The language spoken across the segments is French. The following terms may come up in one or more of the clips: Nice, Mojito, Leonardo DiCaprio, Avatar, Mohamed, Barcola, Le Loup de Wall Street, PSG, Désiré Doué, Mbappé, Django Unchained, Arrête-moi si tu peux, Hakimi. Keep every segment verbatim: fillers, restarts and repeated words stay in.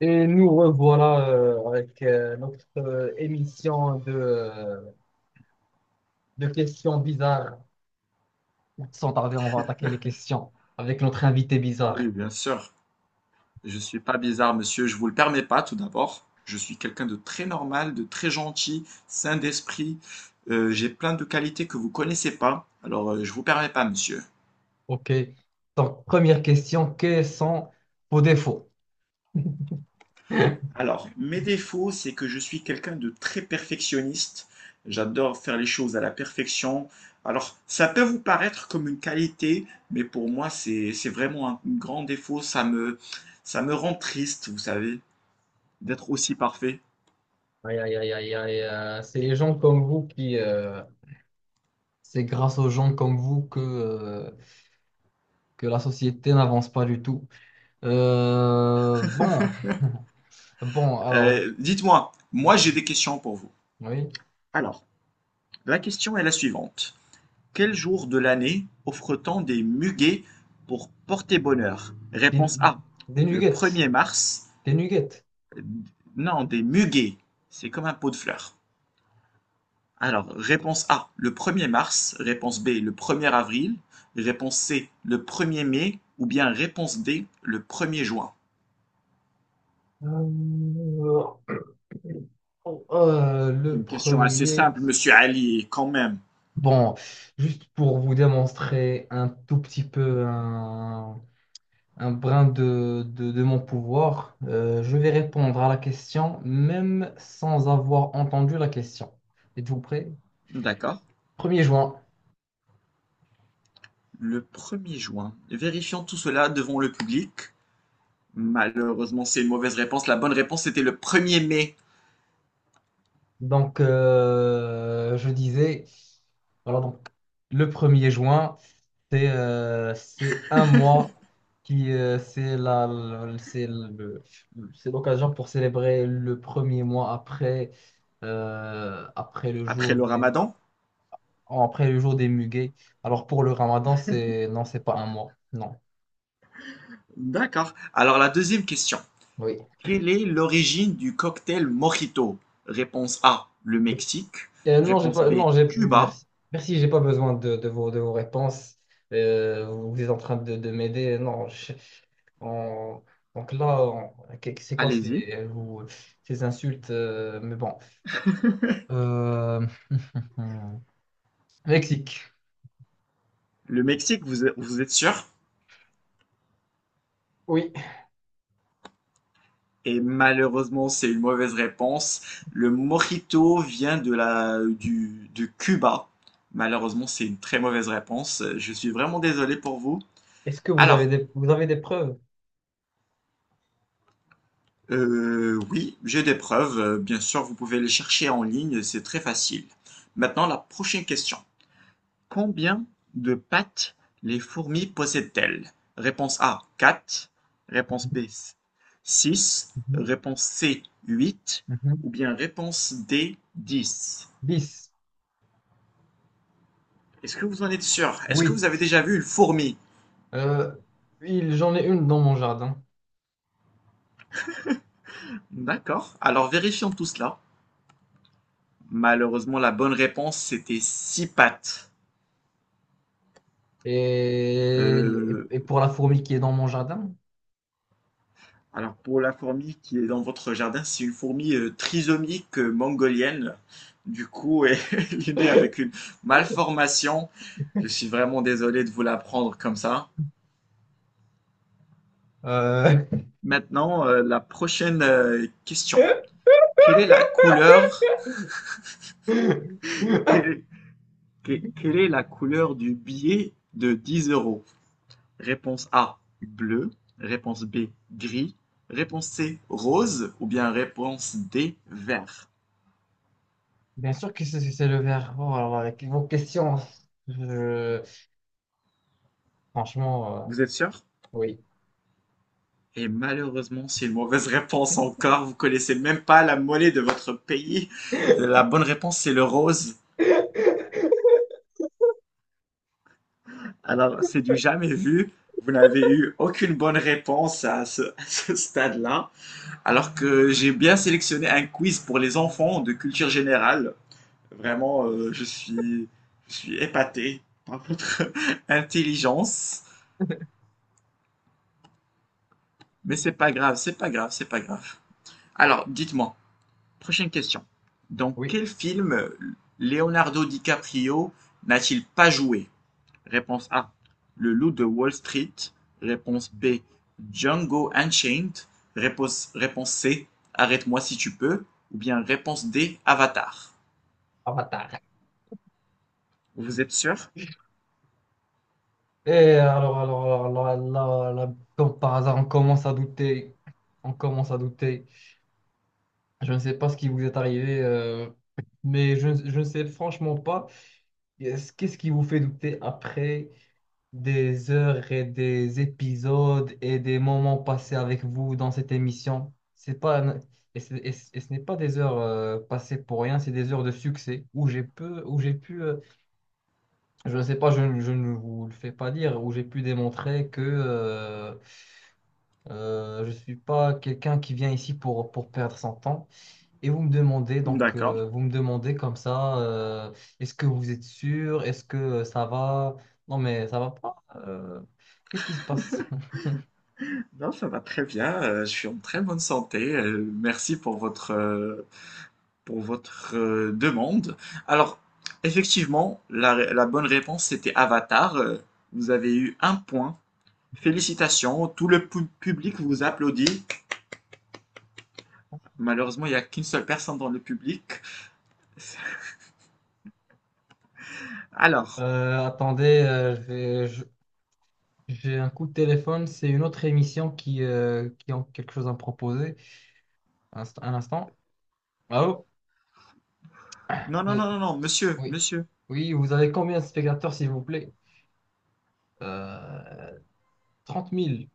Et nous revoilà euh, avec euh, notre euh, émission de, euh, de questions bizarres. Sans tarder, on va attaquer les questions avec notre invité bizarre. Oui, bien sûr. Je suis pas bizarre, monsieur. Je vous le permets pas, tout d'abord. Je suis quelqu'un de très normal, de très gentil, sain d'esprit. Euh, j'ai plein de qualités que vous connaissez pas. Alors, euh, je vous permets pas, monsieur. OK. Donc, première question, quels sont vos défauts? Alors, mes défauts, c'est que je suis quelqu'un de très perfectionniste. J'adore faire les choses à la perfection. Alors, ça peut vous paraître comme une qualité, mais pour moi, c'est c'est vraiment un grand défaut. Ça me ça me rend triste, vous savez, d'être aussi parfait. Aïe, aïe, aïe, aïe, aïe, euh, c'est les gens comme vous qui... euh, c'est grâce aux gens comme vous que, euh, que la société n'avance pas du tout. Euh, bon, bon, alors... Euh, dites-moi, moi j'ai Oui, des questions pour vous. oui. Alors, la question est la suivante. Quel jour de l'année offre-t-on des muguets pour porter bonheur? Des, Réponse A, des le nuggets. premier mars. Des nuggets. Euh, Non, des muguets. C'est comme un pot de fleurs. Alors, réponse A, le premier mars. Réponse B, le premier avril. Réponse C, le premier mai. Ou bien réponse D, le premier juin. Euh, oh, euh, C'est le une question assez premier, simple, monsieur Ali, quand même. bon, juste pour vous démontrer un tout petit peu un, un brin de, de, de mon pouvoir, euh, je vais répondre à la question même sans avoir entendu la question. Êtes-vous prêt? D'accord. Premier juin. Le premier juin. Vérifions tout cela devant le public. Malheureusement, c'est une mauvaise réponse. La bonne réponse c'était le premier mai, Donc, euh, je disais, voilà, donc, le premier juin. C'est euh, c'est un mois qui euh, c'est la le- c'est le- c'est l'occasion pour célébrer le premier mois après euh, après le après jour le des ramadan. après le jour des muguets. Alors pour le Ramadan, c'est non, c'est pas un mois. Non. D'accord. Alors la deuxième question. Oui. Quelle est l'origine du cocktail Mojito? Réponse A, le Mexique. Euh, non, j'ai Réponse pas, B, non, j'ai, Cuba. merci. Merci, j'ai pas besoin de, de vos, de vos réponses. Euh, vous êtes en train de, de m'aider. Non, je- on- donc là, on- qu'est- c'est quoi Allez-y. ces, vous- ces insultes? euh, mais bon. Euh, Mexique. Le Mexique, vous, vous êtes sûr? Oui. Et malheureusement, c'est une mauvaise réponse. Le mojito vient de la, du, de Cuba. Malheureusement, c'est une très mauvaise réponse. Je suis vraiment désolé pour vous. Est-ce que vous avez Alors, des, vous avez des preuves? euh, oui, j'ai des preuves. Euh, Bien sûr, vous pouvez les chercher en ligne, c'est très facile. Maintenant, la prochaine question. Combien de pattes les fourmis possèdent-elles? Réponse A, quatre. Réponse B, six. Mhm, Réponse C, huit. mhm. Ou bien réponse D, dix. dix, Est-ce que vous en êtes sûr? Est-ce que huit. vous avez déjà vu une fourmi? Euh, il- j'en ai une dans mon jardin. D'accord. Alors vérifions tout cela. Malheureusement, la bonne réponse, c'était six pattes. Et, Euh, et pour la fourmi qui est dans mon jardin, alors pour la fourmi qui est dans votre jardin, c'est une fourmi euh, trisomique euh, mongolienne. Du coup, elle est née avec une malformation. Je suis vraiment désolé de vous l'apprendre comme ça. euh, Maintenant, euh, la prochaine euh, question. Quelle est la couleur, quelle, quelle est la couleur du billet de dix euros? Réponse A, bleu. Réponse B, gris. Réponse C, rose. Ou bien réponse D, vert. Bien sûr que c'est c'est le verre. Oh, alors avec vos questions, je- franchement, euh, Vous êtes sûr? oui. Et malheureusement, c'est une mauvaise réponse encore. Vous connaissez même pas la monnaie de votre pays. La bonne réponse, c'est le rose. Alors, c'est du jamais vu. Vous n'avez eu aucune bonne réponse à ce, à ce stade-là. Alors que j'ai bien sélectionné un quiz pour les enfants de culture générale. Vraiment, euh, je suis, je suis épaté. Intelligence. Mais c'est pas grave, c'est pas grave, c'est pas grave. Alors, dites-moi, prochaine question. Dans Oui, quel film Leonardo DiCaprio n'a-t-il pas joué? Réponse A. Le Loup de Wall Street. Réponse B. Django Unchained. Réponse, réponse C. Arrête-moi si tu peux. Ou bien réponse D. Avatar. Avatar. Vous êtes sûr? Et alors, alors, alors, alors, là, là, comme par hasard, on commence à douter. On commence à douter. Je ne sais pas ce qui vous est arrivé, euh, mais je, ne- je ne sais franchement pas. Qu'est-ce qu'est-ce qui vous fait douter après des heures et des épisodes et des moments passés avec vous dans cette émission? C'est pas, un- et, c'est- et ce et ce n'est pas des heures euh, passées pour rien, c'est des heures de succès où j'ai pu, où j'ai pu euh, je ne sais pas, je, ne je ne vous le fais pas dire, où j'ai pu démontrer que euh, euh, je ne suis pas quelqu'un qui vient ici pour, pour perdre son temps. Et vous me demandez, donc, D'accord. euh, vous me demandez comme ça, euh, est-ce que vous êtes sûr? Est-ce que euh, ça va? Non, mais ça va pas. euh, qu'est-ce qui se passe? Non, ça va très bien. Euh, je suis en très bonne santé. Euh, merci pour votre, euh, pour votre euh, demande. Alors, effectivement, la, la bonne réponse c'était Avatar. Euh, Vous avez eu un point. Félicitations, tout le pu- public vous applaudit. Malheureusement, il n'y a qu'une seule personne dans le public. Alors, Euh, attendez, euh, je vais- je- j'ai un coup de téléphone. C'est une autre émission qui, euh, qui a quelque chose à me proposer. Un, inst- un instant. Allô? non, non, Euh, non, non, non, monsieur, oui. monsieur. Oui, vous avez combien de spectateurs, s'il vous plaît? Euh, trente mille.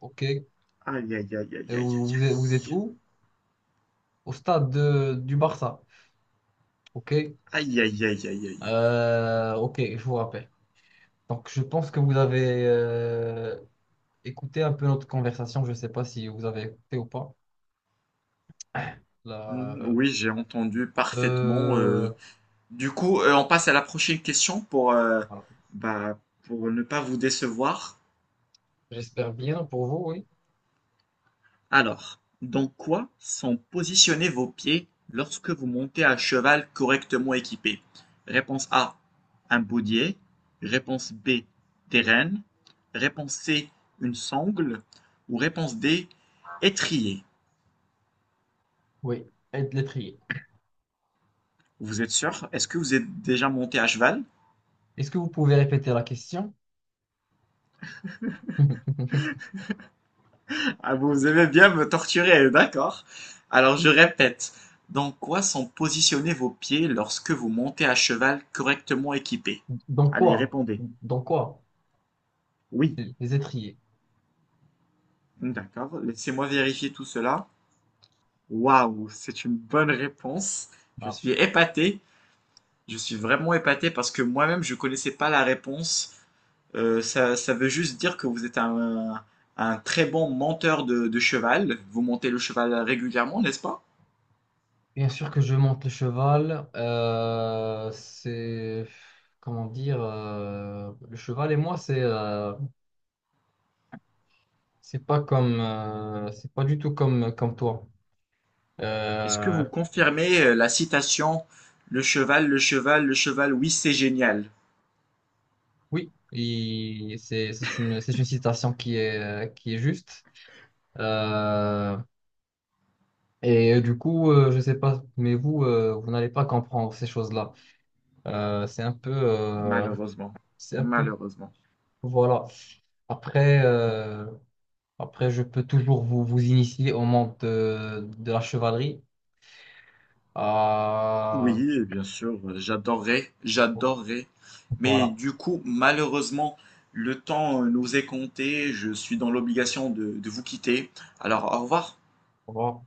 OK. Et Aïe, aïe, aïe, aïe, aïe, aïe, vous, vous aïe, êtes vous êtes où? Au stade de- du Barça. OK. aïe, aïe, aïe, aïe, aïe, aïe, aïe. Euh, ok, je vous rappelle. Donc, je pense que vous avez euh, écouté un peu notre conversation. Je ne sais pas si vous avez écouté ou pas. La- Mm, euh, oui, j'ai entendu parfaitement. euh, euh. Du coup, euh, on passe à la prochaine question pour, euh, voilà. bah, pour ne pas vous décevoir. J'espère bien pour vous, oui. Alors, dans quoi sont positionnés vos pieds lorsque vous montez à cheval correctement équipé? Réponse A, un baudier. Réponse B, des rênes. Réponse C, une sangle. Ou réponse D, étrier. Oui, et de l'étrier. Vous êtes sûr? Est-ce que vous êtes déjà monté à cheval? Est-ce que vous pouvez répéter la question? Ah, vous aimez bien me torturer, d'accord. Alors, je répète, dans quoi sont positionnés vos pieds lorsque vous montez à cheval correctement équipé? Dans Allez, quoi? répondez. Dans quoi? Oui. Les étriers. D'accord, laissez-moi vérifier tout cela. Waouh, c'est une bonne réponse. Je Voilà. suis épaté. Je suis vraiment épaté parce que moi-même, je connaissais pas la réponse. Euh, ça, ça veut juste dire que vous êtes un, un très bon monteur de, de cheval. Vous montez le cheval régulièrement, n'est-ce pas? Bien sûr que je monte le cheval. euh, c'est... Comment dire? euh, le cheval et moi, c'est... euh, c'est pas comme, euh, c'est pas du tout comme, comme toi. Est-ce que Euh, vous confirmez euh, la citation? Le cheval, le cheval, le cheval, oui, c'est génial. oui, il- c'est, c'est une, c'est une citation qui est, qui est juste. Euh, et du coup, euh, je sais pas, mais vous, euh, vous n'allez pas comprendre ces choses-là. Euh, c'est un peu, euh, Malheureusement. c'est un peu, Malheureusement. voilà. Après, euh, après, je peux toujours vous, vous initier au monde de, de la chevalerie. Ah, Oui, bien sûr, euh, j'adorerais, bon, j'adorerais. Mais voilà. du coup, malheureusement, le temps euh, nous est compté. Je suis dans l'obligation de, de vous quitter. Alors, au revoir. Au revoir.